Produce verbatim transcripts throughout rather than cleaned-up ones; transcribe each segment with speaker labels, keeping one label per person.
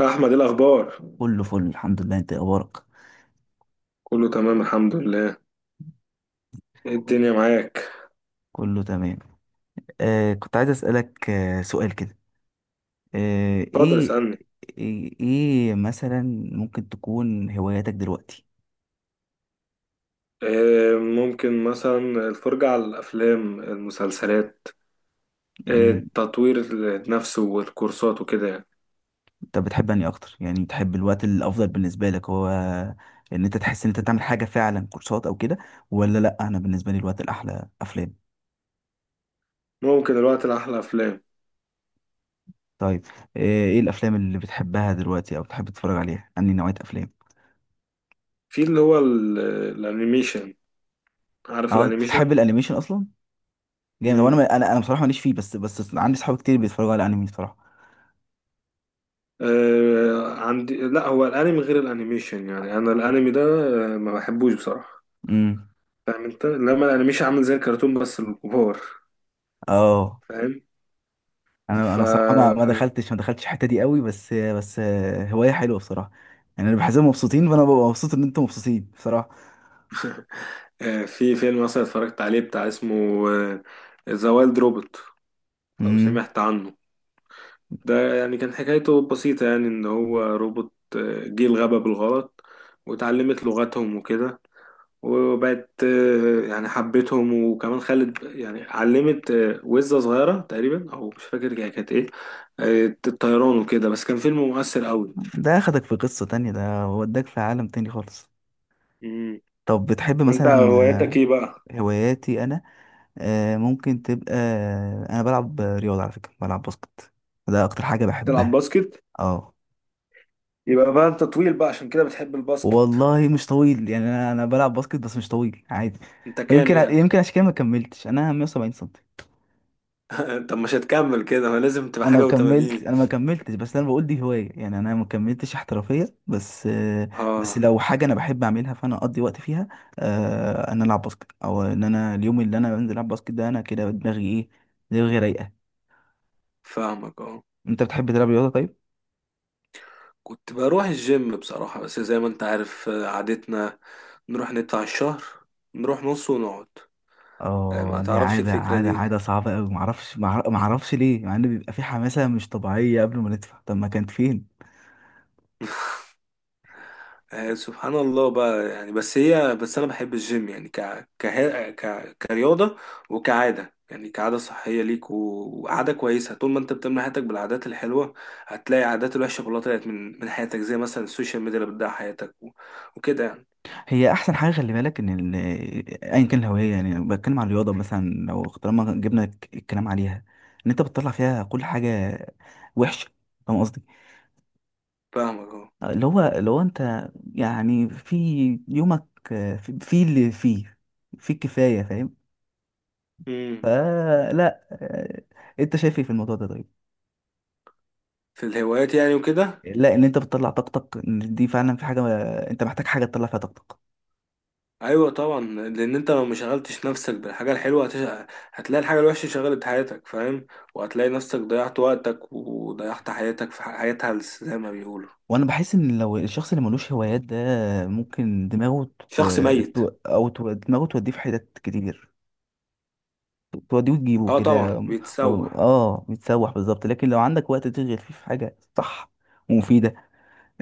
Speaker 1: أحمد إيه الأخبار؟
Speaker 2: كله فل، الحمد لله، انت إيه اخبارك؟
Speaker 1: كله تمام الحمد لله. إيه الدنيا معاك؟
Speaker 2: كله تمام. آه، كنت عايز اسالك آه سؤال كده. آه،
Speaker 1: اتفضل
Speaker 2: ايه.
Speaker 1: اسألني.
Speaker 2: ايه إيه مثلا؟ ممكن تكون هواياتك دلوقتي؟
Speaker 1: إيه ممكن مثلا؟ الفرجة على الأفلام المسلسلات. إيه
Speaker 2: يعني،
Speaker 1: التطوير نفسه والكورسات وكده يعني.
Speaker 2: انت بتحب اني اكتر، يعني بتحب الوقت الافضل بالنسبه لك هو ان انت تحس ان انت تعمل حاجه فعلا، كورسات او كده؟ ولا لا؟ انا بالنسبه لي الوقت الاحلى افلام.
Speaker 1: ممكن الوقت الأحلى أفلام.
Speaker 2: طيب. آه ايه الافلام اللي بتحبها دلوقتي، او بتحب تتفرج عليها، انهي نوعيه افلام؟
Speaker 1: في اللي هو ال- الأنيميشن. عارف
Speaker 2: اه، انت
Speaker 1: الأنيميشن؟
Speaker 2: بتحب الانيميشن اصلا؟ جامد. وانا
Speaker 1: مم.
Speaker 2: انا انا أنا بصراحه ماليش فيه، بس بس عندي صحاب كتير بيتفرجوا على الانمي بصراحه.
Speaker 1: إيه عندي، لا، هو الأنمي غير الأنيميشن، يعني أنا الأنمي ده آه، ما بحبوش بصراحة.
Speaker 2: امم.
Speaker 1: فاهم أنت؟ لما الأنيميشن عامل زي الكرتون بس الكبار.
Speaker 2: اه، انا انا بصراحه ما ما
Speaker 1: فاهم؟
Speaker 2: دخلتش ما دخلتش الحته دي قوي، بس بس هوايه حلوه بصراحه. يعني انا بحسهم مبسوطين، فانا ببقى مبسوط ان انتم مبسوطين بصراحه.
Speaker 1: آه، في فيلم مثلا اتفرجت عليه بتاع اسمه آه، ذا وايلد روبوت، لو
Speaker 2: امم.
Speaker 1: سمعت عنه. ده يعني كان حكايته بسيطة، يعني ان هو روبوت آه، جه الغابة بالغلط واتعلمت لغتهم وكده. وبقت آه، يعني حبتهم، وكمان خلت، يعني علمت آه، وزة صغيرة تقريبا، او مش فاكر هي كانت ايه، آه، الطيران وكده. بس كان فيلم مؤثر قوي.
Speaker 2: ده اخدك في قصه تانية، ده وداك في عالم تاني خالص.
Speaker 1: مم.
Speaker 2: طب، بتحب
Speaker 1: وانت هواياتك
Speaker 2: مثلا؟
Speaker 1: ايه بقى؟
Speaker 2: آه، هواياتي انا، آه، ممكن تبقى. انا بلعب رياضه، على فكره بلعب باسكت. ده اكتر حاجه
Speaker 1: تلعب
Speaker 2: بحبها.
Speaker 1: باسكت.
Speaker 2: اه.
Speaker 1: يبقى بقى انت طويل بقى عشان كده بتحب الباسكت.
Speaker 2: والله مش طويل، يعني انا انا بلعب باسكت بس مش طويل عادي.
Speaker 1: انت كام
Speaker 2: ويمكن ع-
Speaker 1: يعني؟
Speaker 2: يمكن عشان كده ما كملتش، انا 170 سم.
Speaker 1: طب مش هتكمل كده، ما لازم تبقى
Speaker 2: انا لو
Speaker 1: حاجة
Speaker 2: كملت،
Speaker 1: وتمانين.
Speaker 2: انا ما كملتش، بس انا بقول دي هوايه يعني، انا ما كملتش احترافيه بس. آه، بس
Speaker 1: اه،
Speaker 2: لو حاجه انا بحب اعملها فانا اقضي وقت فيها. آه، ان أنا العب باسكت، او ان انا اليوم اللي انا بنزل العب باسكت، ده انا كده دماغي ايه؟ دماغي رايقه.
Speaker 1: فاهمك اه.
Speaker 2: انت بتحب تلعب رياضه؟ طيب.
Speaker 1: كنت بروح الجيم بصراحة، بس زي ما انت عارف آه، عادتنا نروح ندفع الشهر، نروح نص ونقعد. آه، ما
Speaker 2: اه، دي
Speaker 1: تعرفش
Speaker 2: عاده
Speaker 1: الفكرة
Speaker 2: عاده
Speaker 1: دي.
Speaker 2: عاده صعبه قوي، ما اعرفش ما اعرفش ليه، مع ان بيبقى في حماسه مش طبيعيه قبل ما ندفع، طب ما كانت فين؟
Speaker 1: آه، سبحان الله بقى. يعني بس، هي بس انا بحب الجيم يعني ك كه- ك كرياضة، وكعادة، يعني كعادة صحية ليك، و- وعادة كويسة. طول ما انت بتملى حياتك بالعادات الحلوة هتلاقي عادات الوحشة كلها طلعت من من حياتك، زي مثلا السوشيال ميديا اللي بتضيع حياتك و- وكده يعني.
Speaker 2: هي احسن حاجه، خلي بالك ان ال- ايا كان الهوايه، يعني بتكلم عن الرياضه مثلا، لو طالما جبنا ك- الكلام عليها، ان انت بتطلع فيها كل حاجه وحشه. فاهم قصدي؟
Speaker 1: فاهمك اه.
Speaker 2: اللي هو لو انت، يعني في يومك، آه، في في اللي فيه، في الكفايه فاهم؟
Speaker 1: امم.
Speaker 2: فلا. آه، انت شايف ايه في الموضوع ده؟ طيب.
Speaker 1: في الهوايات يعني وكده.
Speaker 2: لا، ان انت بتطلع طاقتك، إن دي فعلا في حاجه، انت محتاج حاجه تطلع فيها طاقتك.
Speaker 1: ايوه طبعا. لان انت لو ما شغلتش نفسك بالحاجه الحلوه هتش... هتلاقي الحاجه الوحشه شغلت حياتك. فاهم؟ وهتلاقي نفسك ضيعت وقتك وضيعت حياتك في ح- حياة هلس زي ما بيقولوا.
Speaker 2: وانا بحس ان لو الشخص اللي ملوش هوايات ده، ممكن دماغه ت...
Speaker 1: شخص ميت.
Speaker 2: ت- او ت... دماغه توديه في حتت كتير، توديه وتجيبه
Speaker 1: اه طبعا
Speaker 2: كده. و...
Speaker 1: بيتسوح.
Speaker 2: اه، بيتسوح بالظبط. لكن لو عندك وقت تشغل فيه في حاجه صح ومفيده،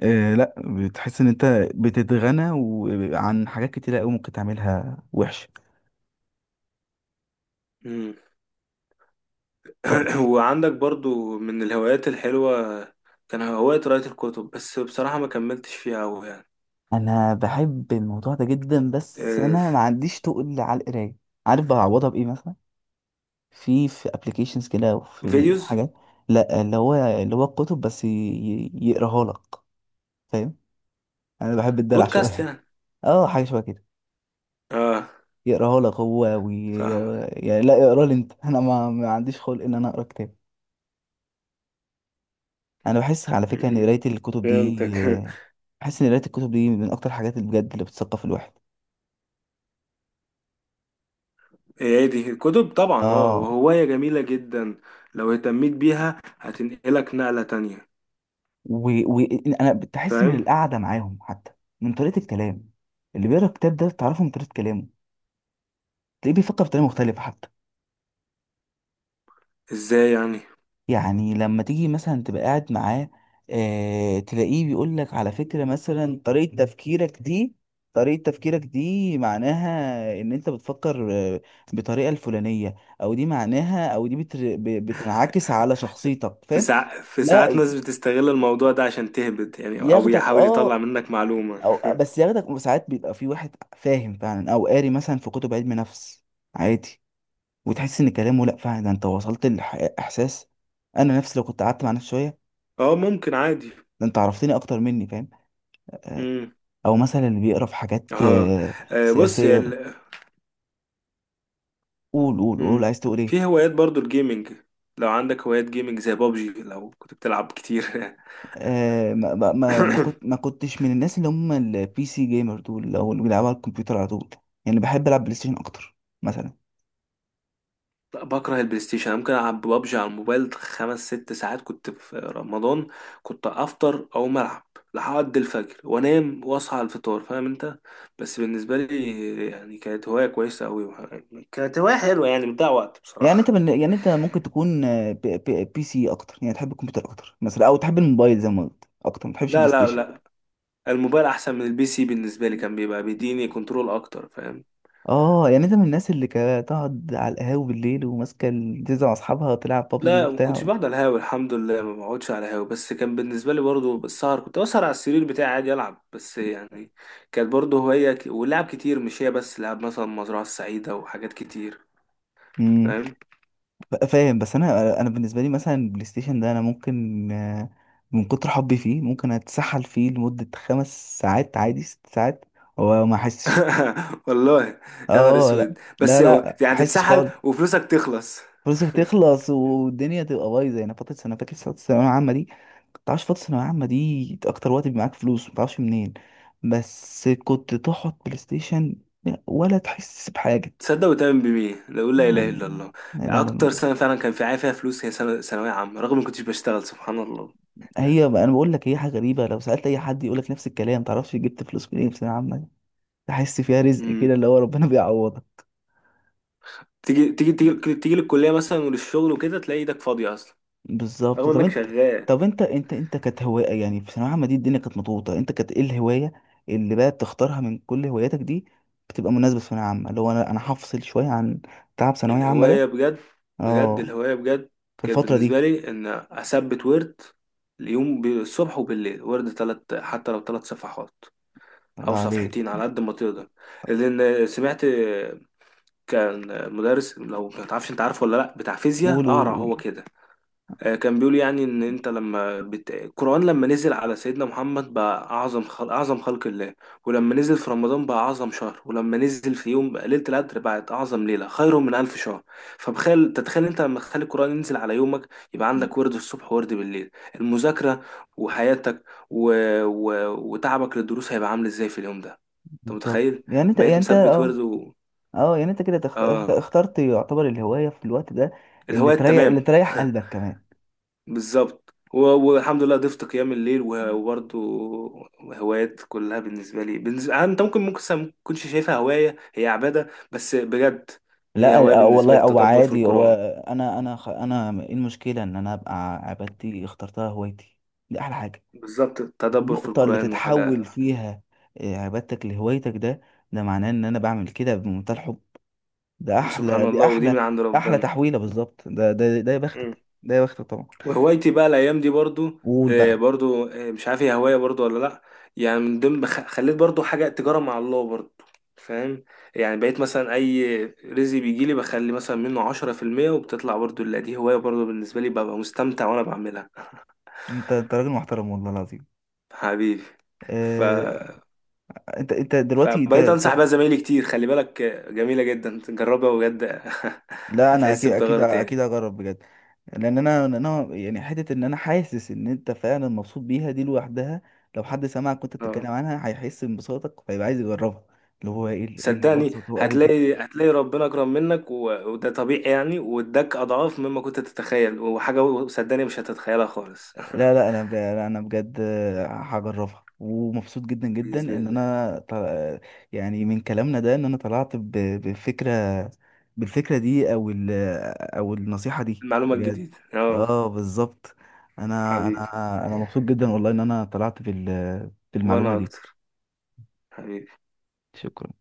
Speaker 2: آه لا، بتحس ان انت بتتغنى و... عن حاجات كتيره قوي ممكن تعملها وحش.
Speaker 1: امم.
Speaker 2: ط-
Speaker 1: وعندك برضو من الهوايات الحلوه كان هوايه قراءه الكتب، بس بصراحه ما كملتش فيها أوي يعني.
Speaker 2: انا بحب الموضوع ده جدا، بس
Speaker 1: آه،
Speaker 2: انا ما
Speaker 1: ف-
Speaker 2: عنديش تقل على القرايه. عارف بعوضها بايه مثلا؟ في في ابلكيشنز كده وفي
Speaker 1: فيديوز.
Speaker 2: حاجات. لا، اللي هو اللي هو الكتب بس ي- ي- يقراها لك. فاهم؟ انا بحب الدلع
Speaker 1: بودكاست
Speaker 2: شويه.
Speaker 1: يعني.
Speaker 2: اه، حاجه شبه كده.
Speaker 1: اه،
Speaker 2: يقراها لك هو وي...
Speaker 1: فاهمك.
Speaker 2: يعني لا، اقرا لي انت. انا ما, ما عنديش خلق ان انا اقرا كتاب. انا بحس على فكره ان
Speaker 1: امم.
Speaker 2: قرايه الكتب دي،
Speaker 1: فهمتك
Speaker 2: بحس ان قرايه الكتب دي من اكتر الحاجات اللي بجد اللي بتثقف الواحد.
Speaker 1: إيه، هي دي الكتب طبعا، اه،
Speaker 2: اه،
Speaker 1: وهواية جميلة جدا. لو اهتميت بيها هتنقلك نقلة تانية.
Speaker 2: وانا و... و- أنا بتحس من
Speaker 1: فاهم.
Speaker 2: القعده معاهم حتى، من طريقه الكلام. اللي بيقرا الكتاب ده بتعرفه من طريقه كلامه. تلاقيه بيفكر بطريقه مختلفه حتى.
Speaker 1: ازاي يعني؟
Speaker 2: يعني لما تيجي مثلا تبقى قاعد معاه، آه تلاقيه بيقول لك على فكرة مثلا طريقة تفكيرك دي، طريقة تفكيرك دي معناها ان انت بتفكر، آه، بطريقة الفلانية، او دي معناها، او دي بتر... ب- بتنعكس على شخصيتك،
Speaker 1: في
Speaker 2: فاهم؟
Speaker 1: ساع... في ساعات
Speaker 2: لا.
Speaker 1: ناس بتستغل الموضوع ده عشان تهبط يعني، او
Speaker 2: ياخدك،
Speaker 1: يحاول
Speaker 2: اه.
Speaker 1: يطلع منك معلومة.
Speaker 2: او بس ياخدك ساعات، بيبقى في واحد فاهم فعلا او قاري مثلا في كتب علم نفس، عادي. وتحس ان كلامه، لا فعلا، ده انت وصلت لاحساس. انا نفسي لو كنت قعدت مع نفسي شوية،
Speaker 1: اه ممكن عادي.
Speaker 2: ده انت عرفتني اكتر مني، فاهم؟ آه،
Speaker 1: امم.
Speaker 2: او مثلا اللي بيقرا في حاجات
Speaker 1: اه.
Speaker 2: آه،
Speaker 1: آه، بص يا
Speaker 2: سياسيه.
Speaker 1: ال...
Speaker 2: قول، قول، قول،
Speaker 1: مم.
Speaker 2: عايز تقول ايه.
Speaker 1: في هوايات برضو الجيمنج، لو عندك هوايات جيمنج زي بابجي، لو كنت بتلعب كتير.
Speaker 2: آه، ما ما ما ما كنت ما كنتش من الناس اللي هم البي سي جيمر دول، او اللي بيلعبوا على الكمبيوتر على طول. يعني بحب العب بلاي ستيشن اكتر مثلا.
Speaker 1: بكره البلاي ستيشن. انا ممكن العب ببجي على الموبايل خمس ست ساعات. كنت في رمضان كنت افطر او العب لحد الفجر وانام واصحى على الفطار. فاهم انت؟ بس بالنسبه لي يعني كانت هوايه كويسه قوي، كانت هوايه حلوه يعني، بتضيع وقت
Speaker 2: يعني انت
Speaker 1: بصراحه.
Speaker 2: من يعني انت ممكن تكون آه، بي, بي, بي سي اكتر، يعني تحب الكمبيوتر اكتر مثلا، او تحب الموبايل زي ما قلت اكتر، ما تحبش البلاي
Speaker 1: لا، لا،
Speaker 2: ستيشن.
Speaker 1: لا. الموبايل احسن من البي سي بالنسبه لي، كان بيبقى بيديني كنترول اكتر. فاهم؟
Speaker 2: اه، يعني انت من الناس اللي كانت تقعد على القهاوي بالليل وماسكه ال- تنزل مع اصحابها تلعب بابجي
Speaker 1: لا ما
Speaker 2: وبتاع؟
Speaker 1: كنتش بقعد على الهاوي الحمد لله، ما بقعدش على الهاوي. بس كان بالنسبه لي برضو السهر، كنت اسهر على السرير بتاعي عادي العب بس يعني. كانت برضو هوايه ك... ولعب كتير، مش هي بس، لعب مثلا مزرعه السعيده وحاجات كتير. فاهم.
Speaker 2: ف- فاهم؟ بس انا انا بالنسبه لي مثلا البلاي ستيشن ده انا ممكن، آه، من كتر حبي فيه ممكن اتسحل فيه لمده خمس ساعات عادي، ست ساعات، وما احسش.
Speaker 1: والله. يا نهار
Speaker 2: اه، لا
Speaker 1: اسود،
Speaker 2: لا
Speaker 1: بس هو-
Speaker 2: لا
Speaker 1: يعني
Speaker 2: احسش
Speaker 1: تتسحل
Speaker 2: خالص.
Speaker 1: وفلوسك تخلص.
Speaker 2: فلوسك تخلص والدنيا تبقى بايظه، يعني فتره سنه، فاكر فتره الثانويه العامه دي؟ ما تعرفش، فتره الثانويه العامه دي اكتر وقت بيبقى معاك فلوس ما تعرفش منين. بس كنت تقعد بلاي ستيشن ولا تحس بحاجه.
Speaker 1: تصدق وتؤمن بمين؟ لا، اقول لا اله الا الله.
Speaker 2: لا، لا، لا، لا.
Speaker 1: اكتر سنه فعلا كان في عافيه فلوس، هي سنه ثانويه عامه، رغم ما كنتش بشتغل. سبحان الله.
Speaker 2: هي انا بقول لك هي حاجه غريبه، لو سالت اي حد يقول لك نفس الكلام، تعرفش جبت فلوس منين في ثانويه عامه؟ تحس فيها رزق كده،
Speaker 1: امم.
Speaker 2: اللي هو ربنا بيعوضك.
Speaker 1: تيجي تيجي تيجي تيجي للكليه مثلا وللشغل وكده تلاقي ايدك فاضيه اصلا،
Speaker 2: بالظبط.
Speaker 1: رغم
Speaker 2: طب
Speaker 1: انك
Speaker 2: انت،
Speaker 1: شغال.
Speaker 2: طب انت انت انت كانت هوايه يعني في ثانويه عامه دي، الدنيا كانت مضغوطه، انت كانت ايه الهوايه اللي بقى بتختارها من كل هواياتك دي، بتبقى مناسبه في ثانويه عامه؟ اللي هو انا انا هفصل شويه عن تعب ثانويه عامه
Speaker 1: الهواية
Speaker 2: ده.
Speaker 1: بجد. بجد
Speaker 2: اه،
Speaker 1: الهواية بجد.
Speaker 2: في
Speaker 1: كانت
Speaker 2: الفتره
Speaker 1: بالنسبة
Speaker 2: دي.
Speaker 1: لي ان اثبت ورد اليوم، الصبح وبالليل، ورد تلات، حتى لو تلات صفحات
Speaker 2: الله
Speaker 1: او صفحتين
Speaker 2: عليك.
Speaker 1: على قد ما تقدر. لان سمعت كان مدرس، لو ما تعرفش، انت عارفه ولا لا، بتاع فيزياء
Speaker 2: قول، قول،
Speaker 1: اقرع،
Speaker 2: قول.
Speaker 1: هو كده. آه، كان بيقول يعني ان انت لما بت... القرآن لما نزل على سيدنا محمد بقى اعظم خل... اعظم خلق الله، ولما نزل في رمضان بقى اعظم شهر، ولما نزل في يوم بقى ليلة القدر بقت اعظم ليلة، خير من الف شهر. فبخيل تتخيل انت لما تخلي القرآن ينزل على يومك، يبقى عندك ورد الصبح وورد بالليل، المذاكرة وحياتك و... و... وتعبك للدروس هيبقى عامل ازاي في اليوم ده؟ انت
Speaker 2: بالظبط،
Speaker 1: متخيل؟
Speaker 2: يعني انت يعني
Speaker 1: بقيت
Speaker 2: انت
Speaker 1: مثبت ورد
Speaker 2: اه،
Speaker 1: و...
Speaker 2: اه، يعني انت كده تخت... اخت-
Speaker 1: اه.
Speaker 2: اخترت يعتبر الهواية في الوقت ده. اللي
Speaker 1: الهواية
Speaker 2: تريح اللي
Speaker 1: تمام
Speaker 2: تريح قلبك كمان.
Speaker 1: بالظبط، و- والحمد لله ضفت قيام الليل و- وبرضه هوايات كلها بالنسبه لي. بالنسبة... آه، انت ممكن ممكن س- ما تكونش شايفها هوايه، هي عباده بس بجد. هي هوايه
Speaker 2: لا، آه،
Speaker 1: بالنسبه
Speaker 2: والله
Speaker 1: لي
Speaker 2: او
Speaker 1: التدبر في
Speaker 2: عادي هو.
Speaker 1: القران.
Speaker 2: انا انا خ- انا، ايه المشكلة ان انا ابقى عبادتي اخترتها هوايتي؟ دي احلى حاجة.
Speaker 1: بالظبط التدبر في
Speaker 2: النقطة اللي
Speaker 1: القران
Speaker 2: تتحول
Speaker 1: وحاجه.
Speaker 2: فيها آه، عبادتك لهوايتك، ده ده معناه ان انا بعمل كده بمنتهى الحب. ده
Speaker 1: سبحان
Speaker 2: احلى، دي
Speaker 1: الله، ودي
Speaker 2: احلى.
Speaker 1: من عند
Speaker 2: احلى
Speaker 1: ربنا.
Speaker 2: تحويلة بالظبط، ده ده ده يا بختك، ده يا بختك طبعا.
Speaker 1: وهوايتي بقى الايام دي برضو،
Speaker 2: وقول
Speaker 1: آه،
Speaker 2: بقى.
Speaker 1: برضو آه، مش عارف هي هوايه برضو ولا لا. يعني من ضمن بخ- خليت برضو حاجه تجاره مع الله برضو. فاهم. يعني بقيت مثلا اي رزق بيجي لي بخلي مثلا منه عشرة في المية وبتطلع برضو، لا دي هوايه برضو بالنسبه لي، ببقى مستمتع وانا بعملها.
Speaker 2: انت انت راجل محترم والله العظيم.
Speaker 1: حبيبي. ف
Speaker 2: آه، انت انت دلوقتي
Speaker 1: فبقيت
Speaker 2: انت.
Speaker 1: انصح بقى زمايلي كتير، خلي بالك آه، جميله جدا، جربها بجد.
Speaker 2: لا، انا
Speaker 1: هتحس
Speaker 2: اكيد اكيد
Speaker 1: بتغير
Speaker 2: اكيد
Speaker 1: تاني.
Speaker 2: هجرب بجد. لان انا لأن انا يعني حته ان انا حاسس ان انت فعلا مبسوط بيها دي لوحدها، لو حد سمعك وانت
Speaker 1: آه.
Speaker 2: بتتكلم عنها هيحس بانبساطك، فيبقى عايز يجربها. اللي هو ايه اللي إيه اللي
Speaker 1: صدقني
Speaker 2: بسطه قوي؟
Speaker 1: هتلاقي هتلاقي ربنا أكرم منك و... وده طبيعي يعني، واداك أضعاف مما كنت تتخيل، وحاجة صدقني مش هتتخيلها خالص.
Speaker 2: لا لا انا ب... لا، انا بجد هجربها، ومبسوط جدا جدا
Speaker 1: بإذن
Speaker 2: ان
Speaker 1: الله.
Speaker 2: انا ط... يعني من كلامنا ده ان انا طلعت ب... بفكره، بالفكره دي او ال... او النصيحه دي
Speaker 1: المعلومة
Speaker 2: بجد.
Speaker 1: الجديدة اه.
Speaker 2: اه، بالظبط. انا
Speaker 1: حبيبي.
Speaker 2: انا انا مبسوط جدا والله ان انا طلعت بال... بالمعلومه
Speaker 1: وأنا
Speaker 2: دي.
Speaker 1: أكتر. حبيبي.
Speaker 2: شكرا.